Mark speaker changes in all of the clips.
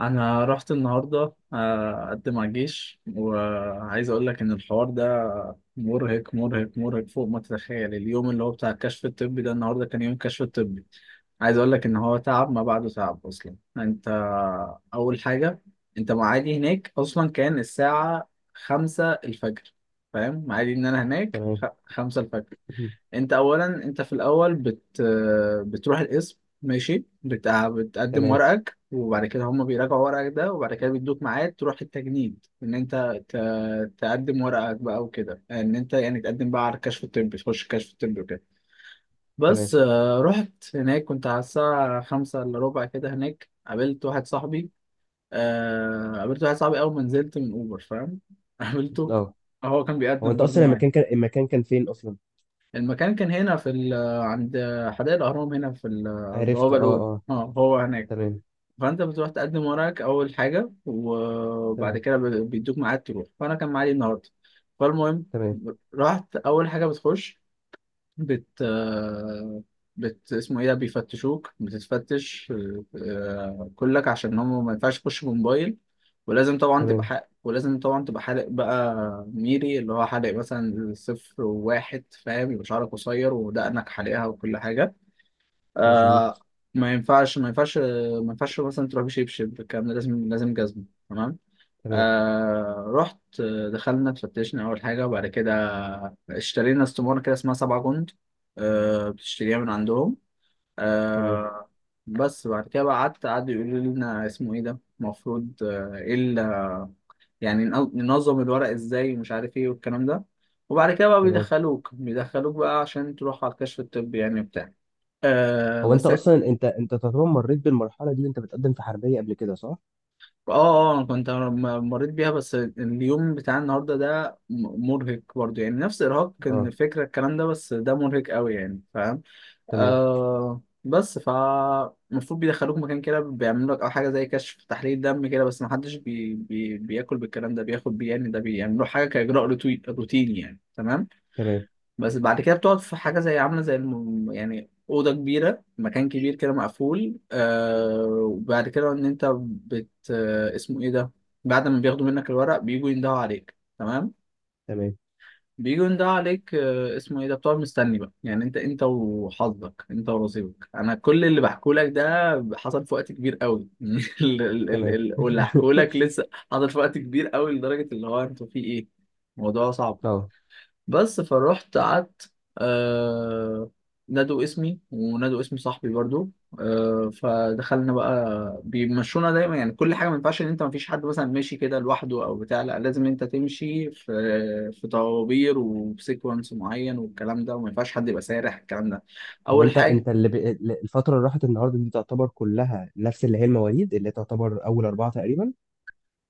Speaker 1: انا رحت النهارده اقدم على الجيش، وعايز اقول لك ان الحوار ده مرهق مرهق مرهق فوق ما تتخيل. اليوم اللي هو بتاع الكشف الطبي ده، النهارده كان يوم كشف الطبي. عايز اقول لك ان هو تعب ما بعده تعب اصلا. انت اول حاجه، انت معادي هناك اصلا كان الساعه 5 الفجر. فاهم معادي ان انا هناك
Speaker 2: تمام.
Speaker 1: 5 الفجر. انت اولا، انت في الاول بتروح القسم ماشي، بتقدم
Speaker 2: تمام،
Speaker 1: ورقك، وبعد كده هم بيراجعوا ورقك ده، وبعد كده بيدوك ميعاد تروح التجنيد ان انت تقدم ورقك بقى وكده، ان انت يعني تقدم بقى على الكشف الطبي، تخش الكشف الطبي وكده. بس
Speaker 2: تمام.
Speaker 1: رحت هناك، كنت على الساعة 4:45 كده، هناك قابلت واحد صاحبي. قابلت واحد صاحبي اول ما نزلت من اوبر، فاهم؟ قابلته.
Speaker 2: اه
Speaker 1: هو كان
Speaker 2: هو
Speaker 1: بيقدم
Speaker 2: انت
Speaker 1: برضه
Speaker 2: اصلا
Speaker 1: معايا.
Speaker 2: المكان كان المكان كان فين اصلا؟
Speaker 1: المكان كان هنا في عند حدائق الأهرام، هنا في
Speaker 2: عرفت،
Speaker 1: البوابة
Speaker 2: اه
Speaker 1: الأولى،
Speaker 2: اه.
Speaker 1: هو هناك.
Speaker 2: تمام،
Speaker 1: فأنت بتروح تقدم ورقك أول حاجة، وبعد
Speaker 2: تمام،
Speaker 1: كده بيدوك ميعاد تروح، فأنا كان معادي النهاردة. فالمهم،
Speaker 2: تمام.
Speaker 1: رحت أول حاجة بتخش، بت آه، بت اسمه ايه ده، بيفتشوك، بتتفتش. كلك، عشان هم ما ينفعش يخشوا بموبايل. ولازم طبعا تبقى
Speaker 2: تمام،
Speaker 1: ولازم طبعا تبقى حالق بقى، ميري اللي هو حالق مثلا 0 و1، فاهم، يبقى شعرك قصير ودقنك حالقها وكل حاجة. آه،
Speaker 2: مظبوط.
Speaker 1: ما ينفعش ما ينفعش ما ينفعش مثلا تروح بشبشب، الكلام ده لازم لازم جزمة. تمام.
Speaker 2: تمام،
Speaker 1: رحت، دخلنا، اتفتشنا أول حاجة. وبعد كده اشترينا استمارة كده اسمها 7 جند. آه، بتشتريها من عندهم.
Speaker 2: تمام،
Speaker 1: آه. بس بعد كده بقى قعدوا يقولوا لنا اسمه ايه ده المفروض، يعني ننظم الورق ازاي ومش عارف ايه والكلام ده. وبعد كده بقى
Speaker 2: تمام.
Speaker 1: بيدخلوك بقى عشان تروح على الكشف الطبي، يعني بتاع.
Speaker 2: هو انت
Speaker 1: بس.
Speaker 2: اصلا انت تقريبا مريت بالمرحله دي وانت بتقدم في حربيه قبل كده، صح؟
Speaker 1: اه اه، انا كنت مريت بيها، بس اليوم بتاع النهارده ده مرهق برضه، يعني نفس ارهاق كان
Speaker 2: اه،
Speaker 1: الفكره الكلام ده، بس ده مرهق قوي، يعني فاهم.
Speaker 2: تمام.
Speaker 1: آه بس ف المفروض بيدخلوك مكان كده بيعملوا لك او حاجه زي كشف تحليل دم كده، بس ما حدش بياكل بالكلام ده بياخد بيه، يعني ده بيعملوا حاجه كاجراء روتيني، يعني تمام.
Speaker 2: تمام،
Speaker 1: بس بعد كده بتقعد في حاجة زي عاملة زي يعني أوضة كبيرة، مكان كبير كده مقفول. وبعد كده إن أنت بت آه اسمه إيه ده، بعد ما بياخدوا منك الورق بيجوا يندهوا عليك. تمام.
Speaker 2: تمام،
Speaker 1: بيجوا يندهوا عليك، اسمه إيه ده، بتقعد مستني بقى، يعني أنت وحظك، أنت ونصيبك. أنا كل اللي بحكوا لك ده حصل في وقت كبير قوي.
Speaker 2: تمام.
Speaker 1: واللي هحكوا لك لسه حصل في وقت كبير قوي، لدرجة اللي هو أنتوا في إيه، الموضوع صعب.
Speaker 2: اه.
Speaker 1: بس فروحت قعدت. آه نادوا اسمي ونادوا اسم صاحبي برضو. فدخلنا بقى، بيمشونا دايما، يعني كل حاجه ما ينفعش ان انت ما فيش حد مثلا ماشي كده لوحده او بتاع، لا، لازم انت تمشي في طوابير وبسيكونس معين والكلام ده، وما ينفعش حد يبقى سارح الكلام ده.
Speaker 2: هو
Speaker 1: اول
Speaker 2: انت
Speaker 1: حاجه،
Speaker 2: الفتره اللي راحت النهارده دي تعتبر كلها نفس اللي هي المواليد اللي تعتبر اول اربعه تقريبا.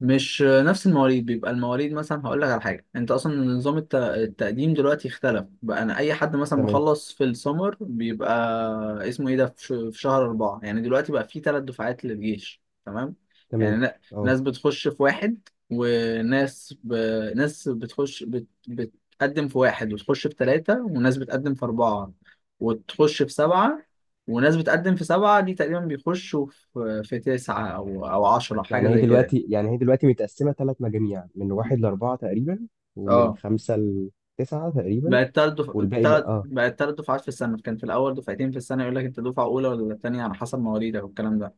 Speaker 1: مش نفس المواليد، بيبقى المواليد مثلا هقول لك على حاجه، انت اصلا نظام التقديم دلوقتي اختلف بقى. انا، اي حد مثلا
Speaker 2: تمام،
Speaker 1: مخلص في السمر بيبقى اسمه ايه ده في في شهر 4. يعني دلوقتي بقى في 3 دفعات للجيش، تمام.
Speaker 2: تمام.
Speaker 1: يعني
Speaker 2: اه.
Speaker 1: ناس بتخش في 1، وناس ب... ناس بتخش بت... بتقدم في واحد وتخش في 3، وناس بتقدم في 4 وتخش في 7، وناس بتقدم في 7، دي تقريبا بيخشوا في تسعه او 10، حاجه زي كده.
Speaker 2: يعني هي دلوقتي متقسمة ثلاث مجاميع من واحد لأربعة تقريبا، ومن
Speaker 1: اه،
Speaker 2: خمسة لتسعة تقريبا،
Speaker 1: بقت
Speaker 2: والباقي بقى.
Speaker 1: تلات،
Speaker 2: اه،
Speaker 1: بقت 3 دفعات في السنة. كان في الأول دفعتين في السنة، يقول لك أنت دفعة أولى ولا تانية على حسب مواليدك والكلام ده.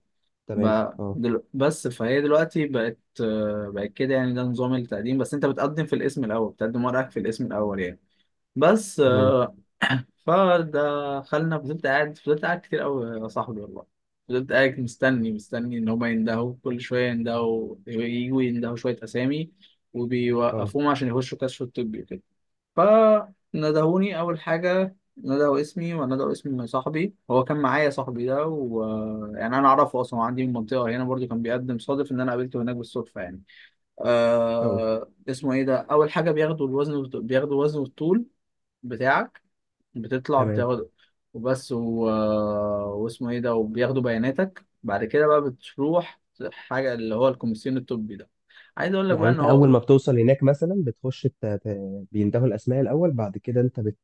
Speaker 2: تمام. اه،
Speaker 1: بس فهي دلوقتي بقت، بقت كده، يعني ده نظام التقديم. بس أنت بتقدم في الاسم الأول، بتقدم ورقك في الاسم الأول يعني. بس
Speaker 2: تمام.
Speaker 1: فدخلنا، فضلت قاعد، فضلت قاعد كتير أوي يا صاحبي والله. فضلت قاعد مستني مستني إن هما يندهوا، كل شوية يندهوا، يجوا يندهوا شوية أسامي،
Speaker 2: اه
Speaker 1: وبيوقفوهم عشان يخشوا كشف الطبي وكده. فندهوني أول حاجة، ندهوا اسمي وندهوا اسم صاحبي، هو كان معايا صاحبي ده، ويعني أنا أعرفه أصلا، هو عندي من المنطقة هنا، برضو كان بيقدم، صادف إن أنا قابلته هناك بالصدفة يعني.
Speaker 2: اه،
Speaker 1: اسمه إيه ده، أول حاجة بياخدوا الوزن بياخدوا وزن والطول بتاعك، بتطلع
Speaker 2: تمام.
Speaker 1: بتاخد. وبس و... آه، واسمه إيه ده، وبياخدوا بياناتك. بعد كده بقى بتروح حاجة اللي هو الكوميسيون الطبي ده. عايز أقول لك
Speaker 2: يعني
Speaker 1: بقى إن
Speaker 2: انت
Speaker 1: هو،
Speaker 2: اول ما بتوصل هناك مثلا بيندهوا الاسماء الاول، بعد كده انت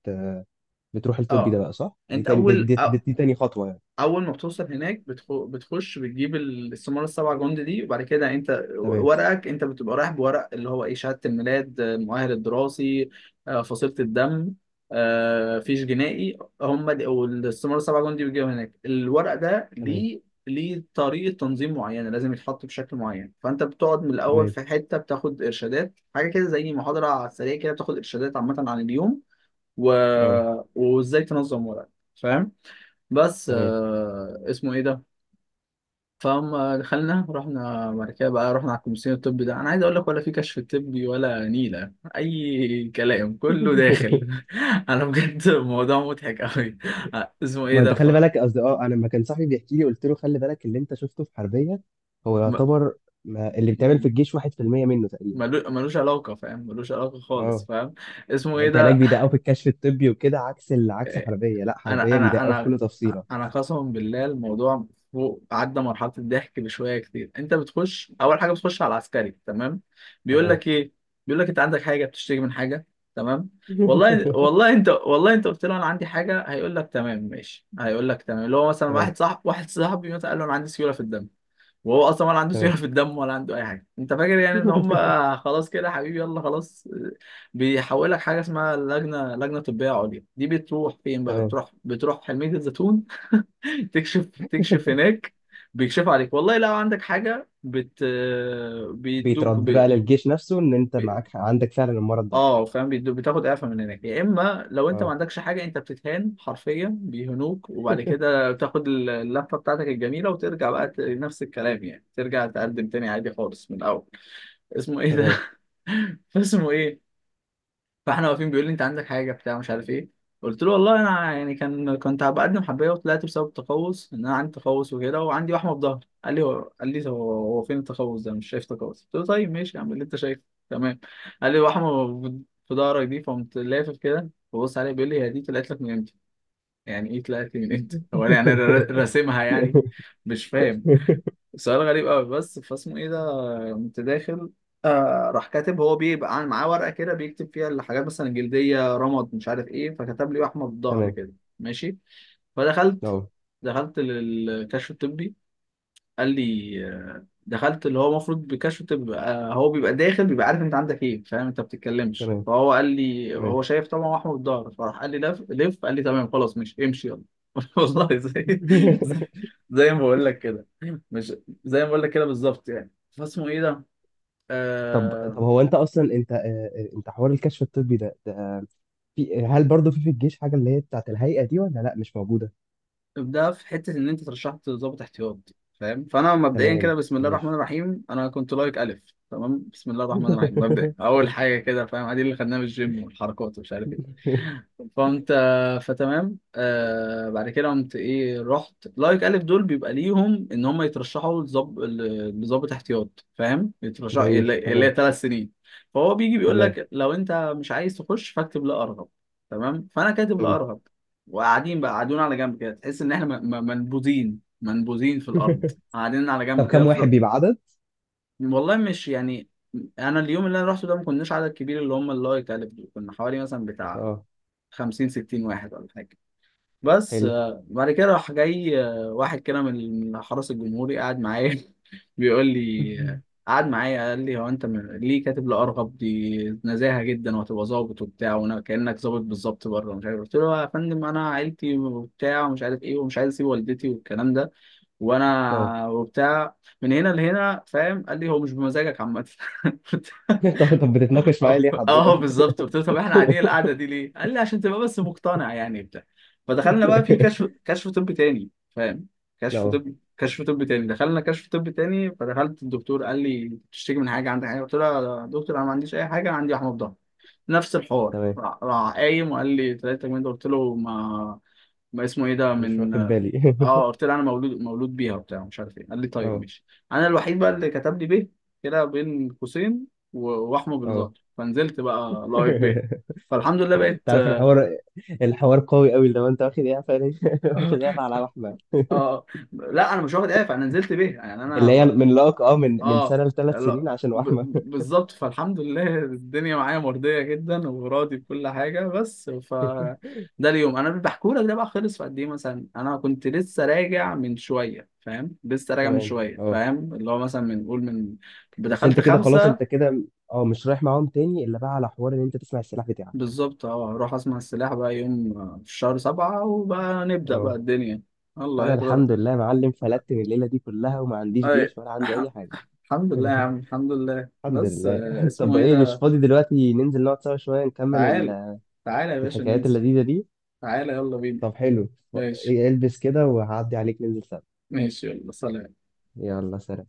Speaker 2: بتروح الطبي ده
Speaker 1: آه
Speaker 2: بقى، صح؟ دي
Speaker 1: انت
Speaker 2: تاني، دي تاني خطوة يعني.
Speaker 1: اول ما بتوصل هناك بتخش بتجيب السمارة 7 جندي دي، وبعد كده انت
Speaker 2: تمام،
Speaker 1: ورقك، انت بتبقى رايح بورق اللي هو ايه، شهادة الميلاد، المؤهل الدراسي، فصيلة الدم، فيش جنائي، هم دي. والسمارة السبعة جندي بيجيبوا هناك الورق ده
Speaker 2: تمام،
Speaker 1: ليه؟ ليه طريقة تنظيم معينة لازم يتحط بشكل معين. فأنت بتقعد من الأول
Speaker 2: تمام.
Speaker 1: في حتة بتاخد إرشادات، حاجة كده زي محاضرة على السريع كده، بتاخد إرشادات عامة عن اليوم و...
Speaker 2: اه،
Speaker 1: وإزاي تنظم ورقك، فاهم. بس
Speaker 2: تمام.
Speaker 1: اسمه ايه ده. فهم دخلنا، رحنا بعد كده بقى، رحنا على الكومسيون الطبي ده. انا عايز اقول لك، ولا في كشف طبي ولا نيله، اي كلام كله داخل. انا بجد الموضوع مضحك قوي. اسمه ايه
Speaker 2: ما
Speaker 1: ده
Speaker 2: انت
Speaker 1: ف،
Speaker 2: خلي بالك، قصدي اه، انا لما كان صاحبي بيحكي لي قلت له خلي بالك، اللي انت شفته في حربيه هو يعتبر ما اللي بيتعمل في
Speaker 1: م-
Speaker 2: الجيش 1% منه تقريبا.
Speaker 1: ملوش علاقه، فاهم، ملوش علاقه خالص،
Speaker 2: اه.
Speaker 1: فاهم. اسمه
Speaker 2: يعني
Speaker 1: ايه
Speaker 2: انت هناك
Speaker 1: ده.
Speaker 2: بيدققوا في الكشف الطبي وكده، عكس عكس حربيه. لا،
Speaker 1: انا
Speaker 2: حربيه
Speaker 1: انا
Speaker 2: بيدققوا في
Speaker 1: انا
Speaker 2: كل تفصيله.
Speaker 1: انا قسما بالله، الموضوع فوق، عدى مرحله الضحك بشويه كتير. انت بتخش اول حاجه بتخش على العسكري، تمام. بيقول
Speaker 2: تمام.
Speaker 1: لك ايه، بيقول لك انت عندك حاجه، بتشتكي من حاجه، تمام. والله والله انت، والله انت قلت له انا عندي حاجه، هيقول لك تمام ماشي، هيقول لك تمام. اللي هو مثلا
Speaker 2: تمام،
Speaker 1: واحد صاحبي مثلا قال له انا عندي سيوله في الدم، وهو اصلا ولا عنده سيوله
Speaker 2: تمام.
Speaker 1: في الدم ولا عنده اي حاجه، انت فاكر يعني ان هم، خلاص كده يا حبيبي يلا خلاص. بيحولك حاجه اسمها لجنه طبيه عليا. دي بتروح فين بقى،
Speaker 2: تمام.
Speaker 1: بتروح حلميه الزيتون. تكشف هناك. بيكشف عليك، والله لو عندك حاجه بيدوك،
Speaker 2: بيترد بقى للجيش نفسه ان انت معاك عندك فعلا المرض ده؟
Speaker 1: اه فاهم، بتاخد اعفاء من هناك. يا اما لو انت ما
Speaker 2: اه.
Speaker 1: عندكش حاجه، انت بتتهان حرفيا، بيهنوك، وبعد كده بتاخد اللفه بتاعتك الجميله، وترجع بقى نفس الكلام، يعني ترجع تقدم تاني عادي خالص من الاول. اسمه ايه ده.
Speaker 2: تمام.
Speaker 1: اسمه ايه. فاحنا واقفين، بيقول لي انت عندك حاجه بتاع مش عارف ايه، قلت له والله انا يعني كنت بقدم حبايه، وطلعت بسبب التقوس ان انا عندي تقوس وكده، وعندي وحمه في ظهري. قال لي هو، قال لي هو، فين التقوس ده، مش شايف تقوس. قلت له طيب ماشي، اعمل اللي انت شايفه، تمام. قال لي وحمه في ظهرك دي، فقمت لافف كده ببص عليه، بيقول لي هي دي طلعت لك من امتى. يعني ايه طلعت لي من امتى، هو انا يعني راسمها يعني، مش فاهم. سؤال غريب قوي، بس فاسمه ايه ده. قمت داخل. راح كاتب، هو بيبقى معاه ورقه كده بيكتب فيها الحاجات مثلا الجلديه، رمد، مش عارف ايه. فكتب لي احمد الظهر
Speaker 2: تمام،
Speaker 1: كده، ماشي. فدخلت
Speaker 2: اه.
Speaker 1: دخلت للكشف الطبي. قال لي دخلت، اللي هو المفروض بكشف تبقى هو بيبقى داخل بيبقى عارف انت عندك ايه، فاهم، انت بتتكلمش.
Speaker 2: تمام،
Speaker 1: فهو قال لي،
Speaker 2: تمام.
Speaker 1: هو شايف طبعا هو احمد الظهر، فراح قال لي لف لف، قال لي تمام خلاص، مش، امشي يلا. والله، زي زي ما بقول لك كده، مش، زي ما بقول لك كده بالظبط يعني. فاسمه ايه ده؟
Speaker 2: طب
Speaker 1: آه
Speaker 2: طب هو انت اصلا انت، انت حوار الكشف الطبي ده في، هل برضه في في الجيش حاجه اللي هي بتاعت الهيئه دي، ولا لا مش موجوده؟
Speaker 1: ابدأ في حته ان انت ترشحت ضابط احتياط، فاهم. فانا مبدئيا كده
Speaker 2: تمام،
Speaker 1: بسم الله الرحمن
Speaker 2: ماشي.
Speaker 1: الرحيم، انا كنت لايك الف. تمام. بسم الله الرحمن الرحيم، مبدئيا اول حاجه كده فاهم، ادي اللي خدناه من الجيم والحركات ومش عارف ايه. فانت فتمام، بعد كده قمت ايه، رحت لايك الف دول بيبقى ليهم ان هم يترشحوا لظابط احتياط، فاهم، يترشح
Speaker 2: جميل،
Speaker 1: اللي
Speaker 2: تمام،
Speaker 1: هي 3 سنين. فهو بيجي بيقول
Speaker 2: تمام،
Speaker 1: لك لو انت مش عايز تخش فاكتب لا ارغب، تمام. فانا كاتب لا
Speaker 2: حلو.
Speaker 1: ارغب، وقاعدين بقى قاعدين على جنب كده، تحس ان احنا منبوذين منبوذين في الارض، قاعدين على
Speaker 2: طب
Speaker 1: جنب كده
Speaker 2: كم واحد بيبقى عدد؟
Speaker 1: والله مش يعني. انا اليوم اللي انا رحته ده ما كناش عدد كبير، اللي هم اللايك الف دول، كنا حوالي مثلا بتاع
Speaker 2: اه،
Speaker 1: 50 60 واحد ولا حاجه. بس
Speaker 2: حلو.
Speaker 1: بعد كده راح جاي، واحد كده من حرس الجمهوري قاعد معايا. بيقول لي، قعد معايا قال لي، هو انت ليه كاتب لأرغب دي، نزاهة جدا وهتبقى ظابط وبتاع، وانا كأنك ظابط بالظبط بره، مش عارف. قلت له يا فندم، انا عيلتي وبتاع ومش عارف ايه، ومش عايز اسيب والدتي والكلام ده،
Speaker 2: اه.
Speaker 1: وانا وبتاع من هنا لهنا، فاهم. قال لي هو مش بمزاجك عامة.
Speaker 2: طب، طب بتتناقش معايا
Speaker 1: اه
Speaker 2: ليه
Speaker 1: اه
Speaker 2: حضرتك؟
Speaker 1: بالظبط. قلت له طب احنا قاعدين القعده دي ليه؟ قال لي عشان تبقى بس مقتنع يعني بتاع. فدخلنا بقى في كشف طب تاني، فاهم؟
Speaker 2: اه،
Speaker 1: كشف طب تاني، دخلنا كشف طب تاني. فدخلت الدكتور قال لي تشتكي من حاجه، عندك حاجه، قلت له يا دكتور انا ما عنديش اي حاجه، انا عندي وحمض ضغط. نفس الحوار،
Speaker 2: تمام.
Speaker 1: راح قايم وقال لي 3 جنيه، قلت له ما اسمه ايه ده
Speaker 2: مش
Speaker 1: من،
Speaker 2: واخد بالي.
Speaker 1: اه. قلت له انا مولود بيها وبتاع مش عارف ايه. قال لي طيب
Speaker 2: اه،
Speaker 1: ماشي. انا الوحيد بقى اللي كتب لي به كده بين قوسين، واحمد
Speaker 2: اه.
Speaker 1: بالظبط، فنزلت بقى لايف به. فالحمد لله
Speaker 2: انت
Speaker 1: بقيت.
Speaker 2: عارف الحوار، الحوار قوي قوي، لو انت واخد ايه على احمد؟
Speaker 1: اه، لا انا مش واخد اف، انا نزلت به يعني. انا
Speaker 2: اللي هي من لك اه، من من
Speaker 1: اه،
Speaker 2: سنه لثلاث
Speaker 1: لا،
Speaker 2: سنين عشان وحمه.
Speaker 1: بالظبط. فالحمد لله الدنيا معايا مرضية جدا وراضي بكل حاجة. بس ف، ده اليوم انا بحكوا لك ده بقى خلص في قد ايه، مثلا انا كنت لسه راجع من شوية فاهم، لسه راجع من
Speaker 2: تمام،
Speaker 1: شوية
Speaker 2: اه.
Speaker 1: فاهم، اللي هو مثلا من قول من،
Speaker 2: بس
Speaker 1: بدخلت
Speaker 2: انت كده خلاص، انت
Speaker 1: خمسة.
Speaker 2: كده اه مش رايح معاهم تاني الا بقى على حوار ان انت تسمع السلاح بتاعك.
Speaker 1: بالظبط، اه اروح اسمع السلاح بقى يوم، في شهر 7 وبقى نبدأ بقى
Speaker 2: اه.
Speaker 1: الدنيا، الله
Speaker 2: انا
Speaker 1: يتغلق.
Speaker 2: الحمد لله يا معلم، فلت من الليله دي كلها وما عنديش
Speaker 1: أي.
Speaker 2: جيش ولا عندي اي حاجه.
Speaker 1: الحمد لله يا عم، الحمد لله،
Speaker 2: الحمد
Speaker 1: بس
Speaker 2: لله.
Speaker 1: اسمه
Speaker 2: طب
Speaker 1: ايه
Speaker 2: ايه، مش
Speaker 1: ده.
Speaker 2: فاضي دلوقتي ننزل نقعد سوا شويه نكمل
Speaker 1: تعال تعال يا باشا
Speaker 2: الحكايات
Speaker 1: ننزل.
Speaker 2: اللذيذه دي؟
Speaker 1: تعالى يلا بينا.
Speaker 2: طب حلو، ف-
Speaker 1: ماشي
Speaker 2: إيه، إيه، البس كده وهعدي عليك ننزل سوا.
Speaker 1: ماشي يلا سلام.
Speaker 2: يلا، سلام.